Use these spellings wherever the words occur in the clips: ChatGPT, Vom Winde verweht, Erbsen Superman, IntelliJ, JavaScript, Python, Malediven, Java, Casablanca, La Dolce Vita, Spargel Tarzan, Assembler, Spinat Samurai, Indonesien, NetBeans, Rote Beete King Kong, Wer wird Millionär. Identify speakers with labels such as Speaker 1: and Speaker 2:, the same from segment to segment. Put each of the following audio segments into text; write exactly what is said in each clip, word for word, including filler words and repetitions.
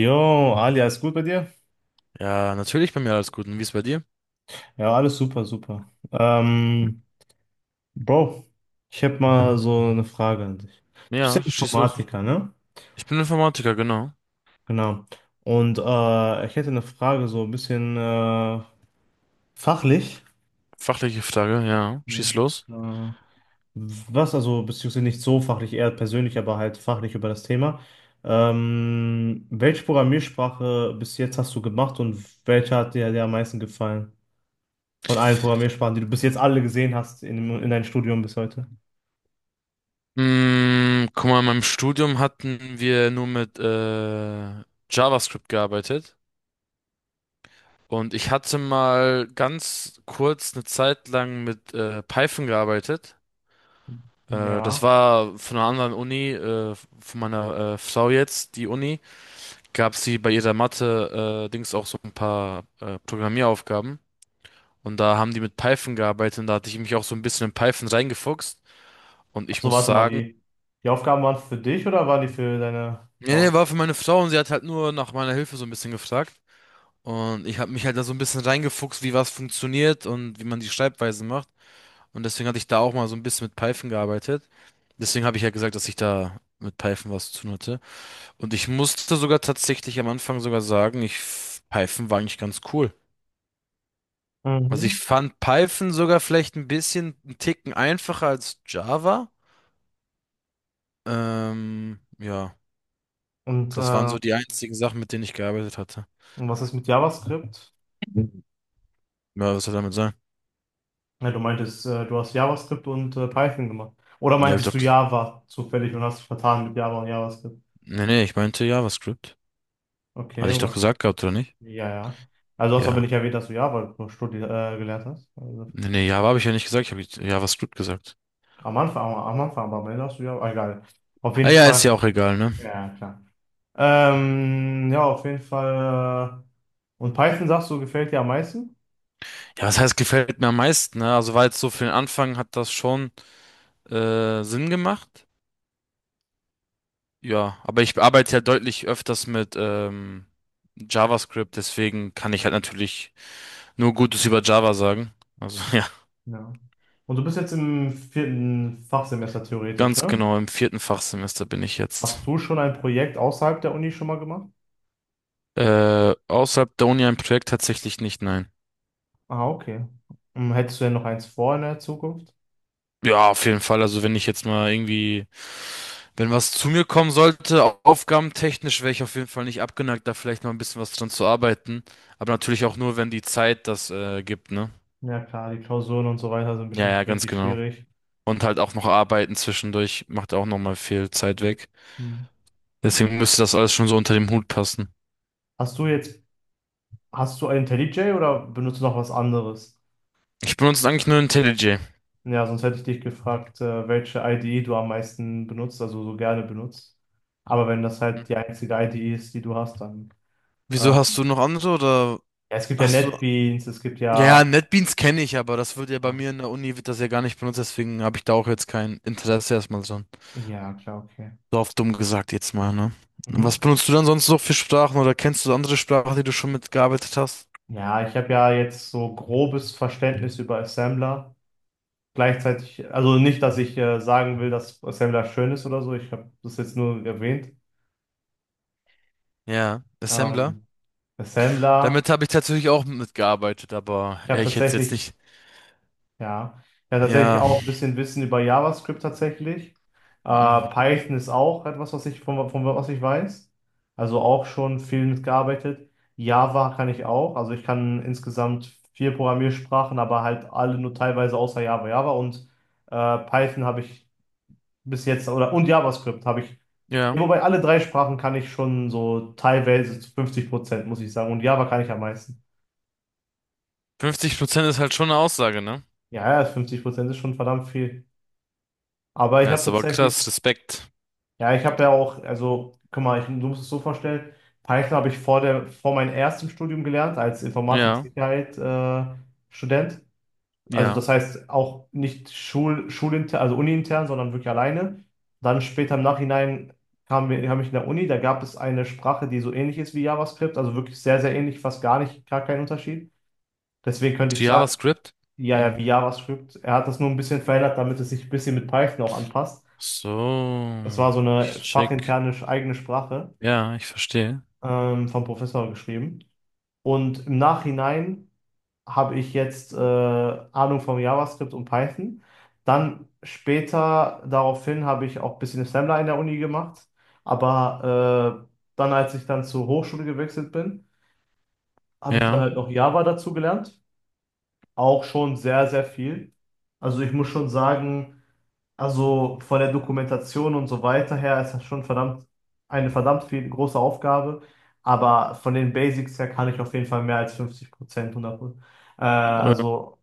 Speaker 1: Jo, Ali, alles gut bei dir?
Speaker 2: Ja, natürlich bei mir alles gut. Und wie ist bei dir?
Speaker 1: Ja, alles super, super. Ähm, Bro, ich habe mal so eine Frage an dich. Du bist
Speaker 2: Ja,
Speaker 1: ja
Speaker 2: schieß los.
Speaker 1: Informatiker, ne?
Speaker 2: Ich bin Informatiker, genau.
Speaker 1: Genau. Und äh, ich hätte eine Frage so ein bisschen äh, fachlich.
Speaker 2: Fachliche Frage, ja.
Speaker 1: Ja.
Speaker 2: Schieß los.
Speaker 1: Äh, was also, beziehungsweise nicht so fachlich, eher persönlich, aber halt fachlich über das Thema. Ähm, welche Programmiersprache bis jetzt hast du gemacht und welche hat dir, dir am meisten gefallen? Von allen Programmiersprachen, die du bis jetzt alle gesehen hast in, dem- in deinem Studium bis heute.
Speaker 2: Mm, guck mal, in meinem Studium hatten wir nur mit äh, JavaScript gearbeitet. Und ich hatte mal ganz kurz eine Zeit lang mit äh, Python gearbeitet. Äh, das
Speaker 1: Ja.
Speaker 2: war von einer anderen Uni, äh, von meiner äh, Frau jetzt, die Uni. Gab sie bei ihrer Mathe-Dings auch so ein paar äh, Programmieraufgaben. Und da haben die mit Python gearbeitet und da hatte ich mich auch so ein bisschen in Python reingefuchst. Und ich
Speaker 1: Also
Speaker 2: muss
Speaker 1: warte mal,
Speaker 2: sagen,
Speaker 1: die, die Aufgaben waren für dich oder waren die für deine
Speaker 2: nee, nee,
Speaker 1: Frau?
Speaker 2: war für meine Frau und sie hat halt nur nach meiner Hilfe so ein bisschen gefragt. Und ich habe mich halt da so ein bisschen reingefuchst, wie was funktioniert und wie man die Schreibweise macht. Und deswegen hatte ich da auch mal so ein bisschen mit Python gearbeitet. Deswegen habe ich ja gesagt, dass ich da mit Python was zu tun hatte. Und ich musste sogar tatsächlich am Anfang sogar sagen, ich, Python war eigentlich ganz cool. Also
Speaker 1: Mhm.
Speaker 2: ich fand Python sogar vielleicht ein bisschen einen Ticken einfacher als Java. Ähm, ja,
Speaker 1: Und,
Speaker 2: das waren
Speaker 1: äh,
Speaker 2: so die einzigen Sachen, mit denen ich gearbeitet hatte.
Speaker 1: und was ist mit JavaScript?
Speaker 2: Mhm. Ja, was soll damit sein?
Speaker 1: Ja, du meintest, äh, du hast JavaScript und äh, Python gemacht. Oder
Speaker 2: Ja, hab ich
Speaker 1: meintest
Speaker 2: doch.
Speaker 1: du
Speaker 2: ges-
Speaker 1: Java zufällig und hast dich vertan mit Java und JavaScript?
Speaker 2: Nee, nee, ich meinte JavaScript.
Speaker 1: Okay,
Speaker 2: Hatte ich
Speaker 1: und
Speaker 2: doch
Speaker 1: was?
Speaker 2: gesagt gehabt, oder nicht?
Speaker 1: Ja, ja. Also hast du aber
Speaker 2: Ja.
Speaker 1: nicht erwähnt, dass du Java studi äh, gelernt hast. Also,
Speaker 2: Nee, nee, Java habe ich ja nicht gesagt, ich habe JavaScript gesagt.
Speaker 1: am Anfang, am Anfang, aber am Ende hast du Java. Ah, egal. Auf jeden
Speaker 2: Ah ja, ist ja
Speaker 1: Fall.
Speaker 2: auch egal, ne?
Speaker 1: Ja, klar. Ähm, ja, auf jeden Fall. äh, Und Python, sagst du, gefällt dir am meisten?
Speaker 2: Ja, was heißt, gefällt mir am meisten, ne? Also war jetzt so für den Anfang hat das schon äh, Sinn gemacht. Ja, aber ich arbeite ja deutlich öfters mit ähm, JavaScript, deswegen kann ich halt natürlich nur Gutes über Java sagen. Also
Speaker 1: Ja. Und du bist jetzt im vierten Fachsemester theoretisch,
Speaker 2: Ganz
Speaker 1: ne?
Speaker 2: genau, im vierten Fachsemester bin ich jetzt.
Speaker 1: Hast du schon ein Projekt außerhalb der Uni schon mal gemacht?
Speaker 2: Äh, außerhalb der Uni ein Projekt tatsächlich nicht, nein.
Speaker 1: Ah, okay. Hm, hättest du denn noch eins vor in der Zukunft?
Speaker 2: Ja, auf jeden Fall. Also wenn ich jetzt mal irgendwie, wenn was zu mir kommen sollte, au- aufgabentechnisch wäre ich auf jeden Fall nicht abgeneigt, da vielleicht mal ein bisschen was dran zu arbeiten. Aber natürlich auch nur, wenn die Zeit das äh, gibt, ne?
Speaker 1: Ja, klar, die Klausuren und so weiter sind
Speaker 2: Ja, ja,
Speaker 1: bestimmt
Speaker 2: ganz
Speaker 1: richtig
Speaker 2: genau.
Speaker 1: schwierig.
Speaker 2: Und halt auch noch arbeiten zwischendurch macht auch nochmal viel Zeit weg.
Speaker 1: Hm.
Speaker 2: Deswegen müsste das alles schon so unter dem Hut passen.
Speaker 1: Hast du jetzt, hast du ein IntelliJ oder benutzt du noch was anderes?
Speaker 2: Ich benutze eigentlich nur IntelliJ.
Speaker 1: Ja, sonst hätte ich dich gefragt, äh, welche I D E du am meisten benutzt, also so gerne benutzt. Aber wenn das halt die einzige I D E ist, die du hast, dann.
Speaker 2: Wieso, hast
Speaker 1: Ähm,
Speaker 2: du noch andere oder
Speaker 1: ja, es gibt ja
Speaker 2: hast du?
Speaker 1: NetBeans, es gibt
Speaker 2: Ja, ja,
Speaker 1: ja.
Speaker 2: NetBeans kenne ich, aber das wird ja bei
Speaker 1: Ah,
Speaker 2: mir in der Uni, wird das ja gar nicht benutzt, deswegen habe ich da auch jetzt kein Interesse erstmal so.
Speaker 1: ja, klar, okay.
Speaker 2: So auf dumm gesagt jetzt mal, ne? Was
Speaker 1: Mhm.
Speaker 2: benutzt du dann sonst noch für Sprachen oder kennst du andere Sprachen, die du schon mitgearbeitet hast?
Speaker 1: Ja, ich habe ja jetzt so grobes Verständnis über Assembler. Gleichzeitig, also nicht, dass ich äh, sagen will, dass Assembler schön ist oder so. Ich habe das jetzt nur erwähnt.
Speaker 2: Ja, Assembler.
Speaker 1: Ähm, Assembler,
Speaker 2: Damit habe ich tatsächlich auch mitgearbeitet, aber
Speaker 1: ich habe
Speaker 2: äh, ich hätte es jetzt
Speaker 1: tatsächlich.
Speaker 2: nicht.
Speaker 1: Ja, ja, tatsächlich
Speaker 2: Ja,
Speaker 1: auch ein bisschen Wissen über JavaScript tatsächlich. Äh,
Speaker 2: mhm,
Speaker 1: Python ist auch etwas, was ich von, von was ich weiß. Also auch schon viel mitgearbeitet. Java kann ich auch. Also ich kann insgesamt vier Programmiersprachen, aber halt alle nur teilweise außer Java. Java und äh, Python habe ich bis jetzt oder und JavaScript habe ich.
Speaker 2: ja.
Speaker 1: Ja, wobei alle drei Sprachen kann ich schon so teilweise zu fünfzig Prozent, muss ich sagen. Und Java kann ich am meisten.
Speaker 2: fünfzig Prozent ist halt schon eine Aussage, ne?
Speaker 1: Ja, ja, fünfzig Prozent ist schon verdammt viel. Aber ich
Speaker 2: Ja,
Speaker 1: habe
Speaker 2: ist aber
Speaker 1: tatsächlich.
Speaker 2: krass, Respekt.
Speaker 1: Ja, ich habe ja auch, also, guck mal, ich, du musst es so vorstellen, Python habe ich vor der, vor meinem ersten Studium gelernt, als
Speaker 2: Ja,
Speaker 1: Informatik-Sicherheit, äh, Student. Also
Speaker 2: ja.
Speaker 1: das heißt auch nicht Schul, schulintern, also uniintern, sondern wirklich alleine. Dann später im Nachhinein kam, mir- kam ich in der Uni, da gab es eine Sprache, die so ähnlich ist wie JavaScript, also wirklich sehr, sehr ähnlich, fast gar nicht, gar keinen Unterschied. Deswegen könnte ich
Speaker 2: Zu
Speaker 1: sagen,
Speaker 2: JavaScript?
Speaker 1: ja, ja,
Speaker 2: Hm.
Speaker 1: wie JavaScript. Er hat das nur ein bisschen verändert, damit es sich ein bisschen mit Python auch anpasst. Das
Speaker 2: So,
Speaker 1: war so eine
Speaker 2: ich check.
Speaker 1: fachinterne eigene Sprache.
Speaker 2: Ja, ich verstehe.
Speaker 1: ähm, vom Professor geschrieben. Und im Nachhinein habe ich jetzt äh, Ahnung vom JavaScript und Python. Dann später daraufhin habe ich auch ein bisschen Assembler in der Uni gemacht. Aber äh, dann, als ich dann zur Hochschule gewechselt bin, habe ich dann
Speaker 2: Ja,
Speaker 1: halt noch Java dazu gelernt, auch schon sehr, sehr viel. Also ich muss schon sagen, also von der Dokumentation und so weiter her ist das schon verdammt eine verdammt viel große Aufgabe. Aber von den Basics her kann ich auf jeden Fall mehr als fünfzig Prozent, 100, äh,
Speaker 2: äh,
Speaker 1: also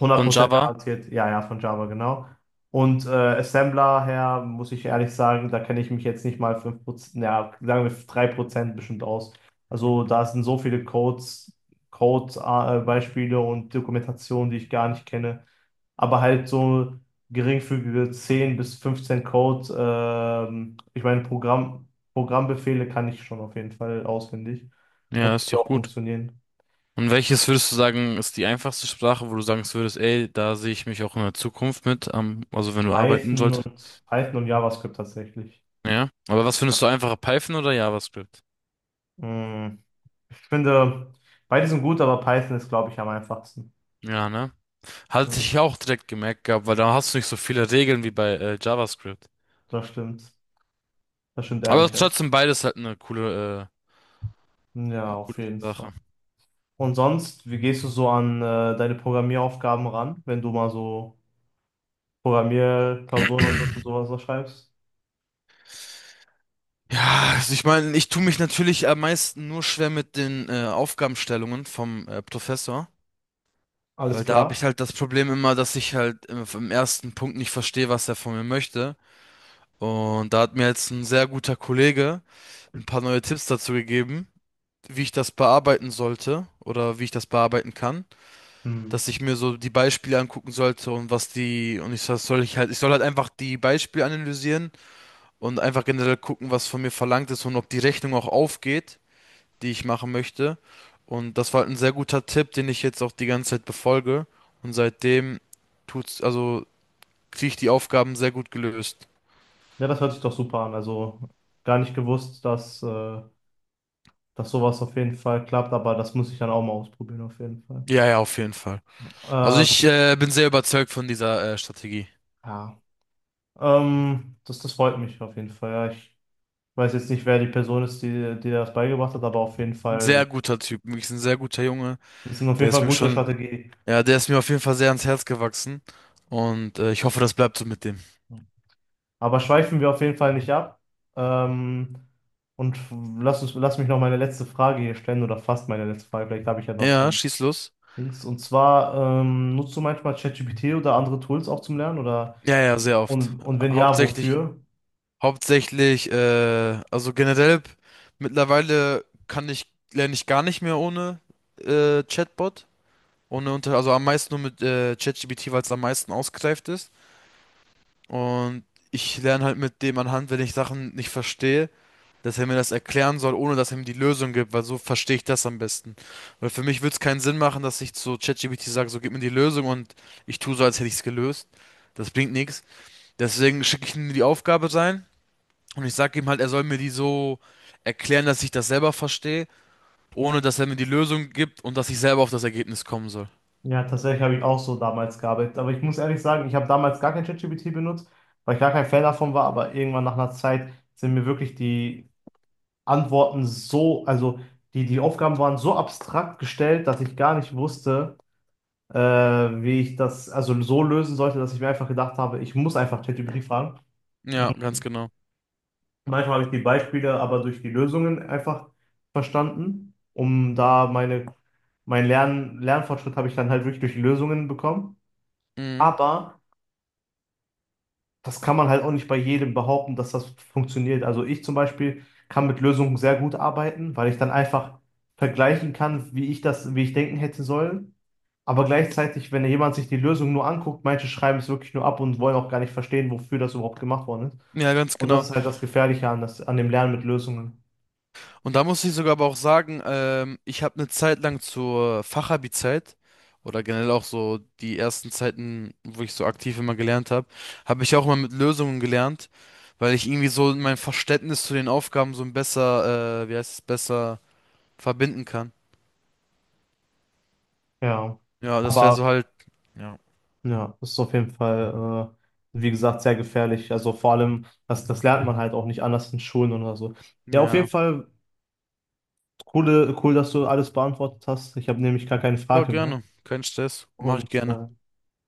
Speaker 1: hundert
Speaker 2: von
Speaker 1: Prozent
Speaker 2: Java.
Speaker 1: garantiert, ja, ja, von Java, genau. Und äh, Assembler her, muss ich ehrlich sagen, da kenne ich mich jetzt nicht mal fünf Prozent ja, sagen wir drei Prozent bestimmt aus. Also da sind so viele Codes, Codes, äh, Beispiele und Dokumentationen, die ich gar nicht kenne. Aber halt so geringfügige zehn bis fünfzehn Codes, ähm, ich meine, Programm, Programmbefehle kann ich schon auf jeden Fall auswendig
Speaker 2: Ja,
Speaker 1: und wie
Speaker 2: ist
Speaker 1: die
Speaker 2: doch
Speaker 1: auch
Speaker 2: gut.
Speaker 1: funktionieren.
Speaker 2: Und welches würdest du sagen, ist die einfachste Sprache, wo du sagen würdest, ey, da sehe ich mich auch in der Zukunft mit, am- also wenn du arbeiten
Speaker 1: Python
Speaker 2: solltest?
Speaker 1: und Python und JavaScript tatsächlich.
Speaker 2: Ja. Aber was findest
Speaker 1: Ja.
Speaker 2: du einfacher, Python oder JavaScript?
Speaker 1: Mm, ich finde, beide sind gut, aber Python ist, glaube ich, am einfachsten.
Speaker 2: Ja, ne? Hatte
Speaker 1: Ja,
Speaker 2: ich auch direkt gemerkt gehabt, weil da hast du nicht so viele Regeln wie bei äh, JavaScript.
Speaker 1: das stimmt. Das stimmt
Speaker 2: Aber
Speaker 1: ehrlich, ja.
Speaker 2: trotzdem beides halt eine coole, äh,
Speaker 1: Ja,
Speaker 2: eine
Speaker 1: auf
Speaker 2: coole
Speaker 1: jeden Fall.
Speaker 2: Sache.
Speaker 1: Und sonst, wie gehst du so an äh, deine Programmieraufgaben ran, wenn du mal so Programmierklausuren und, so, und sowas da schreibst?
Speaker 2: Ja, also ich meine, ich tue mich natürlich am meisten nur schwer mit den äh, Aufgabenstellungen vom äh, Professor.
Speaker 1: Alles
Speaker 2: Weil da habe ich
Speaker 1: klar?
Speaker 2: halt das Problem immer, dass ich halt im, im ersten Punkt nicht verstehe, was er von mir möchte. Und da hat mir jetzt ein sehr guter Kollege ein paar neue Tipps dazu gegeben, wie ich das bearbeiten sollte oder wie ich das bearbeiten kann.
Speaker 1: Hm.
Speaker 2: Dass ich mir so die Beispiele angucken sollte und was die, und ich soll, soll ich halt, ich soll halt einfach die Beispiele analysieren und einfach generell gucken, was von mir verlangt ist und ob die Rechnung auch aufgeht, die ich machen möchte. Und das war halt ein sehr guter Tipp, den ich jetzt auch die ganze Zeit befolge. Und seitdem tut's, also kriege ich die Aufgaben sehr gut gelöst.
Speaker 1: Ja, das hört sich doch super an. Also gar nicht gewusst, dass, äh, dass sowas auf jeden Fall klappt, aber das muss ich dann auch mal ausprobieren, auf jeden Fall.
Speaker 2: Ja, ja, auf jeden Fall. Also
Speaker 1: Ähm,
Speaker 2: ich äh, bin sehr überzeugt von dieser äh, Strategie.
Speaker 1: ja, ähm, das, das freut mich auf jeden Fall. Ja, ich weiß jetzt nicht, wer die Person ist, die, die dir das beigebracht hat, aber auf jeden
Speaker 2: Ein sehr
Speaker 1: Fall,
Speaker 2: guter Typ, wirklich ein sehr guter Junge.
Speaker 1: das ist auf
Speaker 2: Der
Speaker 1: jeden Fall
Speaker 2: ist
Speaker 1: eine
Speaker 2: mir
Speaker 1: gute
Speaker 2: schon,
Speaker 1: Strategie.
Speaker 2: ja, der ist mir auf jeden Fall sehr ans Herz gewachsen. Und äh, ich hoffe, das bleibt so mit dem.
Speaker 1: Aber schweifen wir auf jeden Fall nicht ab. Ähm, und lass uns, lass mich noch meine letzte Frage hier stellen oder fast meine letzte Frage. Vielleicht habe ich ja noch so
Speaker 2: Ja,
Speaker 1: ein
Speaker 2: schieß los.
Speaker 1: Dings. Und zwar, ähm, nutzt du manchmal ChatGPT oder andere Tools auch zum Lernen oder
Speaker 2: Ja, ja, sehr oft.
Speaker 1: und, und wenn ja,
Speaker 2: Hauptsächlich
Speaker 1: wofür?
Speaker 2: Hauptsächlich, äh, also generell mittlerweile kann ich, lerne ich gar nicht mehr ohne äh, Chatbot. Ohne unter, also am meisten nur mit äh, ChatGPT, weil es am meisten ausgereift ist. Und ich lerne halt mit dem anhand, wenn ich Sachen nicht verstehe, dass er mir das erklären soll, ohne dass er mir die Lösung gibt, weil so verstehe ich das am besten. Weil für mich würde es keinen Sinn machen, dass ich zu ChatGPT sage, so gib mir die Lösung und ich tue so, als hätte ich es gelöst. Das bringt nichts. Deswegen schicke ich ihm die Aufgabe rein. Und ich sage ihm halt, er soll mir die so erklären, dass ich das selber verstehe, ohne dass er mir die Lösung gibt und dass ich selber auf das Ergebnis kommen soll.
Speaker 1: Ja, tatsächlich habe ich auch so damals gearbeitet. Aber ich muss ehrlich sagen, ich habe damals gar kein ChatGPT benutzt, weil ich gar kein Fan davon war. Aber irgendwann nach einer Zeit sind mir wirklich die Antworten so, also die, die Aufgaben waren so abstrakt gestellt, dass ich gar nicht wusste, äh, wie ich das also so lösen sollte, dass ich mir einfach gedacht habe, ich muss einfach ChatGPT fragen.
Speaker 2: Ja, ganz genau.
Speaker 1: Manchmal habe ich die Beispiele aber durch die Lösungen einfach verstanden, um da meine, mein Lern, Lernfortschritt habe ich dann halt wirklich durch die Lösungen bekommen.
Speaker 2: Mhm.
Speaker 1: Aber das kann man halt auch nicht bei jedem behaupten, dass das funktioniert. Also ich zum Beispiel kann mit Lösungen sehr gut arbeiten, weil ich dann einfach vergleichen kann, wie ich das, wie ich denken hätte sollen. Aber gleichzeitig, wenn jemand sich die Lösung nur anguckt, manche schreiben es wirklich nur ab und wollen auch gar nicht verstehen, wofür das überhaupt gemacht worden ist.
Speaker 2: Ja, ganz
Speaker 1: Und das
Speaker 2: genau.
Speaker 1: ist halt das Gefährliche an, das, an dem Lernen mit Lösungen.
Speaker 2: Und da muss ich sogar aber auch sagen, ähm, ich habe eine Zeit lang zur Fachabi-Zeit oder generell auch so die ersten Zeiten, wo ich so aktiv immer gelernt habe, habe ich auch immer mit Lösungen gelernt, weil ich irgendwie so mein Verständnis zu den Aufgaben so ein besser, äh, wie heißt es, besser verbinden kann.
Speaker 1: Ja.
Speaker 2: Ja, das wäre
Speaker 1: Aber
Speaker 2: so halt. Ja.
Speaker 1: ja, das ist auf jeden Fall, äh, wie gesagt, sehr gefährlich. Also vor allem, das, das lernt man halt auch nicht anders in Schulen oder so. Ja, auf jeden
Speaker 2: Ja.
Speaker 1: Fall, coole, cool, dass du alles beantwortet hast. Ich habe nämlich gar keine
Speaker 2: Ja,
Speaker 1: Frage mehr.
Speaker 2: gerne. Kein Stress. Mache ich
Speaker 1: Und
Speaker 2: gerne.
Speaker 1: äh,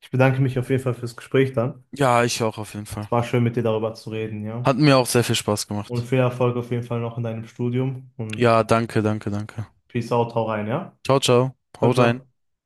Speaker 1: ich bedanke mich auf jeden Fall fürs Gespräch dann.
Speaker 2: Ja, ich auch auf jeden
Speaker 1: Es
Speaker 2: Fall.
Speaker 1: war schön, mit dir darüber zu reden, ja.
Speaker 2: Hat mir auch sehr viel Spaß
Speaker 1: Und
Speaker 2: gemacht.
Speaker 1: viel Erfolg auf jeden Fall noch in deinem Studium und
Speaker 2: Ja, danke, danke, danke.
Speaker 1: Peace out, hau rein, ja?
Speaker 2: Ciao, ciao.
Speaker 1: Ciao,
Speaker 2: Hau
Speaker 1: ciao.
Speaker 2: rein.